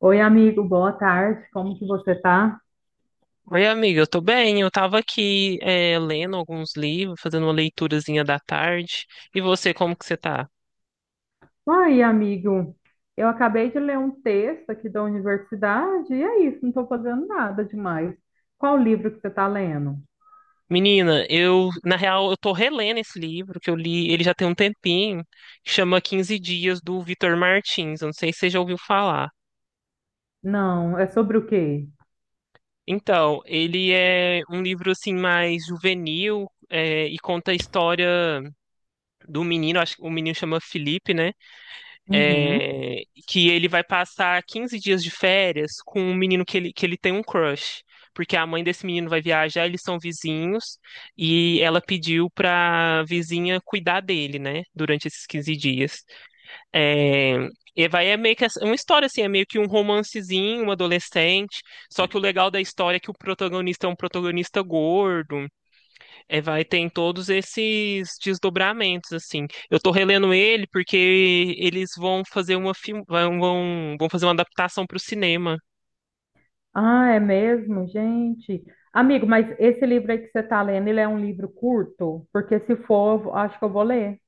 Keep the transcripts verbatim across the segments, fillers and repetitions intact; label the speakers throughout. Speaker 1: Oi, amigo, boa tarde. Como que você tá?
Speaker 2: Oi, amiga, eu tô bem. Eu tava aqui, eh, lendo alguns livros, fazendo uma leiturazinha da tarde. E você, como que você tá?
Speaker 1: Oi, amigo. Eu acabei de ler um texto aqui da universidade e é isso, não estou fazendo nada demais. Qual livro que você está lendo?
Speaker 2: Menina, eu, na real, eu tô relendo esse livro que eu li, ele já tem um tempinho, que chama Quinze Dias do Vitor Martins. Eu não sei se você já ouviu falar.
Speaker 1: Não, é sobre o quê?
Speaker 2: Então, ele é um livro assim mais juvenil, eh, e conta a história do menino, acho que o menino chama Felipe, né?
Speaker 1: Uhum.
Speaker 2: É, que ele vai passar quinze dias de férias com um menino que ele, que ele tem um crush. Porque a mãe desse menino vai viajar, eles são vizinhos, e ela pediu pra vizinha cuidar dele, né? Durante esses quinze dias. É, e vai é meio que essa- uma história assim, é meio que um romancezinho, um adolescente. Só que o legal da história é que o protagonista é um protagonista gordo. É, vai, tem todos esses desdobramentos, assim. Eu tô relendo ele porque eles vão fazer uma film... vão, vão vão fazer uma adaptação para o cinema.
Speaker 1: Ah, é mesmo, gente. Amigo, mas esse livro aí que você está lendo, ele é um livro curto? Porque se for, eu vou- acho que eu vou ler.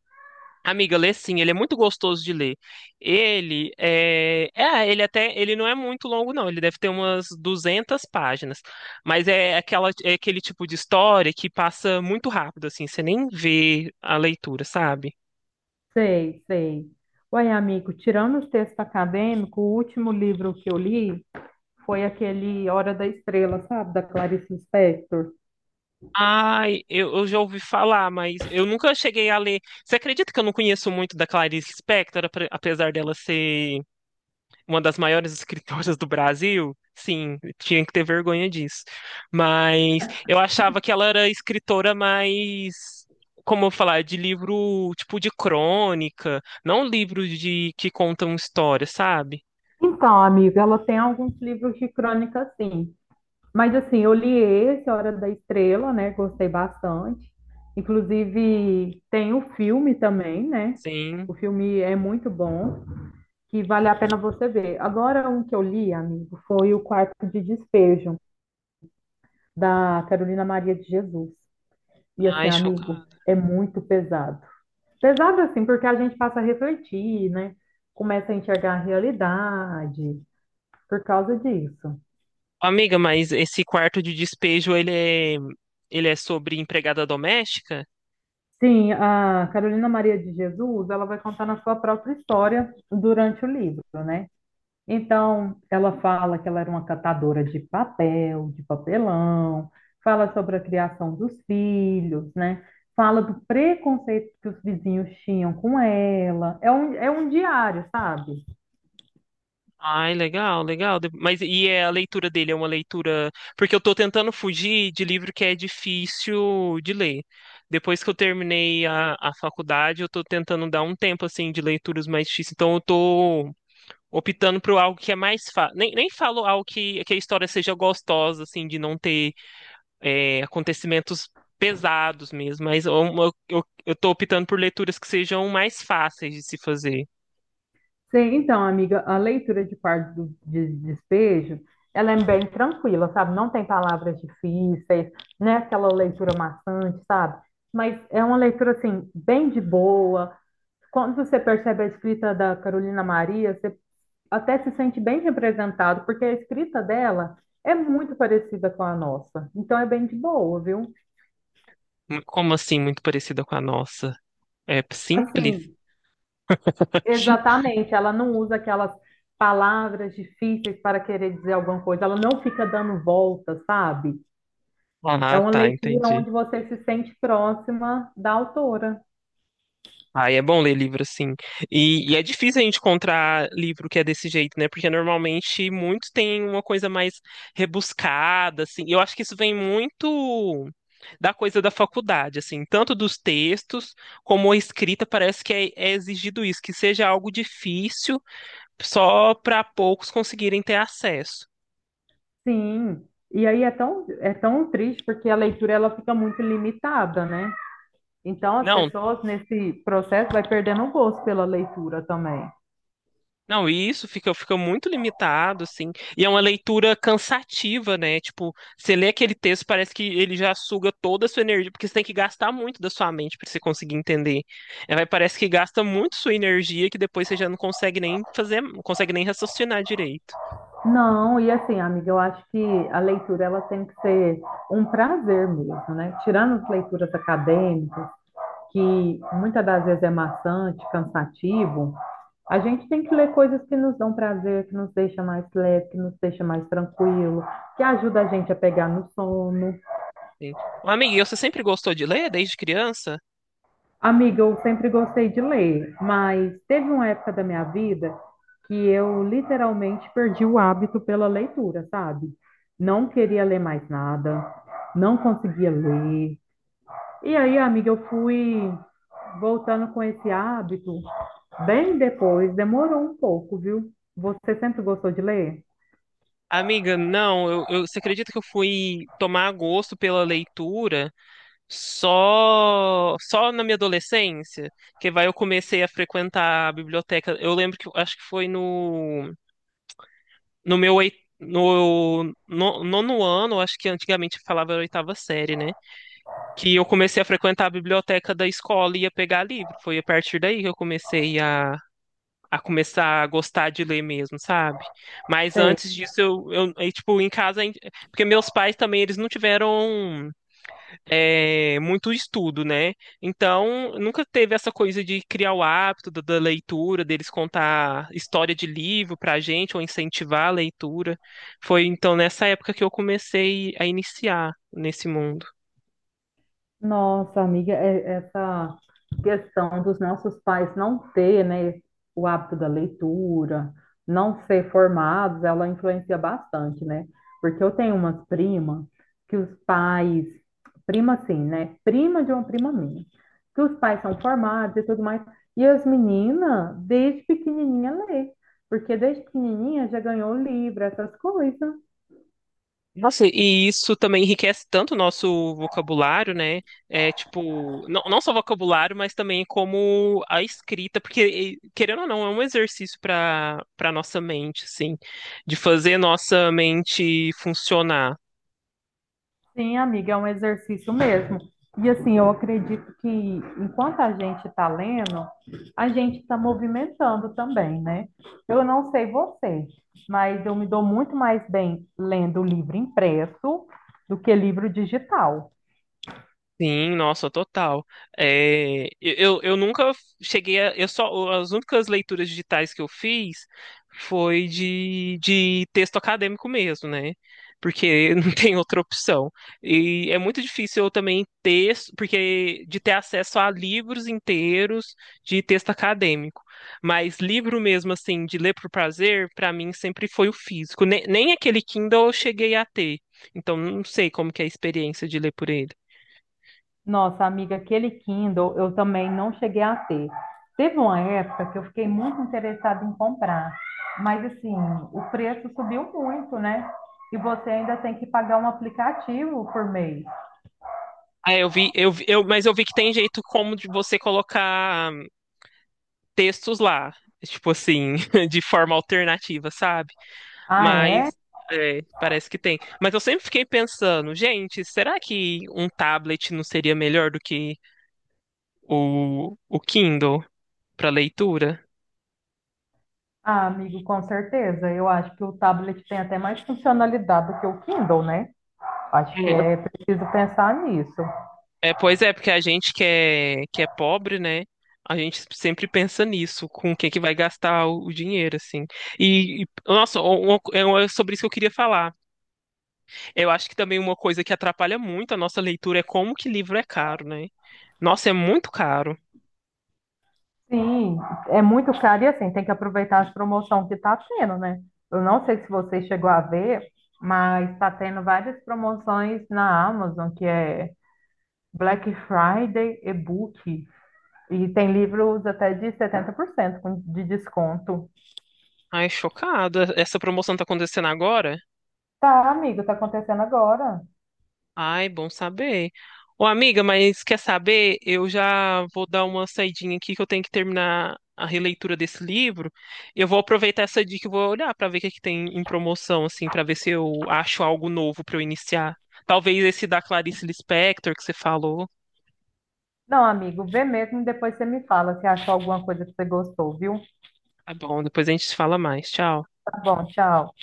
Speaker 2: Amiga, lê sim, ele é muito gostoso de ler. Ele é... é, ah, ele até, ele não é muito longo não, ele deve ter umas duzentas páginas, mas é aquela é aquele tipo de história que passa muito rápido assim, você nem vê a leitura, sabe?
Speaker 1: Sei, sei. Ué, amigo, tirando os textos acadêmicos, o último livro que eu li foi aquele Hora da Estrela, sabe? Da Clarice Lispector.
Speaker 2: Ai, eu, eu já ouvi falar, mas eu nunca cheguei a ler. Você acredita que eu não conheço muito da Clarice Lispector, apre- apesar dela ser uma das maiores escritoras do Brasil? Sim, tinha que ter vergonha disso. Mas eu achava que ela era escritora mais, como eu falar, de livro tipo de crônica, não livro de que contam história, sabe?
Speaker 1: Então, amiga, ela tem alguns livros de crônica, sim. Mas, assim, eu li esse, Hora da Estrela, né? Gostei bastante. Inclusive, tem o filme também, né?
Speaker 2: Sim.
Speaker 1: O filme é muito bom, que vale a pena você ver. Agora, um que eu li, amigo, foi O Quarto de Despejo, da Carolina Maria de Jesus. E, assim,
Speaker 2: Ai,
Speaker 1: amigo,
Speaker 2: chocada.
Speaker 1: é muito pesado. Pesado assim, porque a gente passa a refletir, né? Começa a enxergar a realidade por causa disso.
Speaker 2: Amiga, mas esse quarto de despejo, ele é, ele é sobre empregada doméstica?
Speaker 1: Sim, a Carolina Maria de Jesus, ela vai contar na sua própria história durante o livro, né? Então, ela fala que ela era uma catadora de papel, de papelão, fala sobre a criação dos filhos, né? Fala do preconceito que os vizinhos tinham com ela. É um, é um diário, sabe?
Speaker 2: Ai, legal, legal. De- Mas e é a leitura dele? É uma leitura. Porque eu tô tentando fugir de livro que é difícil de ler. Depois que eu terminei a, a faculdade, eu tô tentando dar um tempo, assim, de leituras mais difíceis. Então eu tô optando por algo que é mais fácil. Nem, nem falo algo que, que a história seja gostosa, assim, de não ter é, acontecimentos pesados mesmo, mas eu, eu, eu tô optando por leituras que sejam mais fáceis de se fazer.
Speaker 1: Sim, então, amiga, a leitura de parte do de despejo, ela é bem tranquila, sabe? Não tem palavras difíceis, não é aquela leitura maçante, sabe? Mas é uma leitura, assim, bem de boa. Quando você percebe a escrita da Carolina Maria, você até se sente bem representado, porque a escrita dela é muito parecida com a nossa. Então, é bem de boa, viu?
Speaker 2: Como assim, muito parecida com a nossa? É simples?
Speaker 1: Assim, exatamente, ela não usa aquelas palavras difíceis para querer dizer alguma coisa, ela não fica dando volta, sabe? É
Speaker 2: Ah,
Speaker 1: uma
Speaker 2: tá,
Speaker 1: leitura
Speaker 2: entendi.
Speaker 1: onde você se sente próxima da autora.
Speaker 2: Aí é bom ler livro, assim. E, e é difícil a gente encontrar livro que é desse jeito, né? Porque normalmente muitos têm uma coisa mais rebuscada, assim. E eu acho que isso vem muito da coisa da faculdade, assim, tanto dos textos como a escrita, parece que é, é exigido isso, que seja algo difícil só para poucos conseguirem ter acesso.
Speaker 1: Sim. E aí é tão, é tão triste porque a leitura ela fica muito limitada, né? Então as
Speaker 2: Não,
Speaker 1: pessoas nesse processo vai perdendo o gosto pela leitura também.
Speaker 2: não, e isso fica, fica muito limitado, assim. E é uma leitura cansativa, né? Tipo, você lê aquele texto, parece que ele já suga toda a sua energia, porque você tem que gastar muito da sua mente para você conseguir entender. É, vai- parece que gasta muito sua energia que depois você já não consegue nem fazer, não consegue nem raciocinar direito.
Speaker 1: Não, e assim, amiga, eu acho que a leitura ela tem que ser um prazer mesmo, né? Tirando as leituras acadêmicas, que muitas das vezes é maçante, cansativo, a gente tem que ler coisas que nos dão prazer, que nos deixa mais leve, que nos deixa mais tranquilo, que ajuda a gente a pegar no sono.
Speaker 2: Sim. Ô, amiga, e você sempre gostou de ler desde criança?
Speaker 1: Amiga, eu sempre gostei de ler, mas teve uma época da minha vida que eu literalmente perdi o hábito pela leitura, sabe? Não queria ler mais nada, não conseguia ler, e aí, amiga, eu fui voltando com esse hábito bem depois, demorou um pouco, viu? Você sempre gostou de ler?
Speaker 2: Amiga, não, eu, eu- você acredita que eu fui tomar gosto pela leitura só só na minha adolescência? Que vai eu comecei a frequentar a biblioteca. Eu lembro que eu- acho que foi no No meu oit- no, no nono ano, acho que antigamente falava oitava série, né? Que eu comecei a frequentar a biblioteca da escola e ia pegar livro. Foi a partir daí que eu comecei a, a começar a gostar de ler mesmo, sabe? Mas
Speaker 1: Você
Speaker 2: antes disso, eu, eu, aí, tipo, em casa, em- porque meus pais também, eles não tiveram é, muito estudo, né? Então, nunca teve essa coisa de criar o hábito da, da leitura, deles contar história de livro pra gente, ou incentivar a leitura. Foi então nessa época que eu comecei a iniciar nesse mundo.
Speaker 1: Nossa, amiga, é- essa questão dos nossos pais não ter, né, o hábito da leitura, não ser formados, ela influencia bastante, né? Porque eu tenho umas primas que os pais, prima assim, né? Prima de uma prima minha, que os pais são formados e tudo mais, e as meninas, desde pequenininha, lê, porque desde pequenininha já ganhou livro, essas coisas.
Speaker 2: Nossa, e isso também enriquece tanto o nosso vocabulário, né? É tipo, não, não só vocabulário, mas também como a escrita, porque, e, querendo ou não, é um exercício para para nossa mente, assim, de fazer nossa mente funcionar.
Speaker 1: Sim, amiga, é um exercício mesmo. E assim, eu acredito que enquanto a gente está lendo, a gente está movimentando também, né? Eu não sei você, mas eu me dou muito mais bem lendo livro impresso do que livro digital.
Speaker 2: Sim, nossa, total. É, eu, eu eu nunca cheguei a, eu só, as únicas leituras digitais que eu fiz foi de, de texto acadêmico mesmo, né? Porque não tem outra opção. E é muito difícil eu também ter, porque de ter acesso a livros inteiros de texto acadêmico. Mas livro mesmo, assim, de ler por prazer, para mim sempre foi o físico. Nem, nem aquele Kindle eu cheguei a ter. Então não sei como que é a experiência de ler por ele.
Speaker 1: Nossa, amiga, aquele Kindle eu também não cheguei a ter. Teve uma época que eu fiquei muito interessada em comprar, mas assim, o preço subiu muito, né? E você ainda tem que pagar um aplicativo por mês.
Speaker 2: Ah, eu vi, eu vi, eu, mas eu vi que tem jeito como de você colocar hum, textos lá, tipo assim, de forma alternativa, sabe?
Speaker 1: Ah, é?
Speaker 2: Mas é, parece que tem. Mas eu sempre fiquei pensando, gente, será que um tablet não seria melhor do que o, o Kindle para leitura?
Speaker 1: Ah, amigo, com certeza. Eu acho que o tablet tem até mais funcionalidade do que o Kindle, né? Acho que
Speaker 2: É,
Speaker 1: é preciso pensar nisso.
Speaker 2: É, pois é, porque a gente que é, que é pobre, né? A gente sempre pensa nisso, com quem que vai gastar o, o dinheiro, assim. E, e, nossa, uma- é uma- é sobre isso que eu queria falar. Eu acho que também uma coisa que atrapalha muito a nossa leitura é como que livro é caro, né? Nossa, é muito caro.
Speaker 1: Sim, é muito caro e assim, tem que aproveitar as promoções que está tendo, né? Eu não sei se você chegou a ver, mas está tendo várias promoções na Amazon, que é Black Friday e-book. E tem livros até de setenta por cento com- de desconto.
Speaker 2: Ai, chocado. Essa promoção tá acontecendo agora?
Speaker 1: Tá, amigo, tá acontecendo agora.
Speaker 2: Ai, bom saber. Ô, amiga, mas quer saber? Eu já vou dar uma saidinha aqui que eu tenho que terminar a releitura desse livro. Eu vou aproveitar essa dica e vou olhar para ver o que é que tem em promoção, assim, para ver se eu acho algo novo para eu iniciar. Talvez esse da Clarice Lispector que você falou.
Speaker 1: Não, amigo, vê mesmo e depois você me fala se achou alguma coisa que você gostou, viu?
Speaker 2: Tá bom, depois a gente se fala mais. Tchau.
Speaker 1: Tá bom, tchau.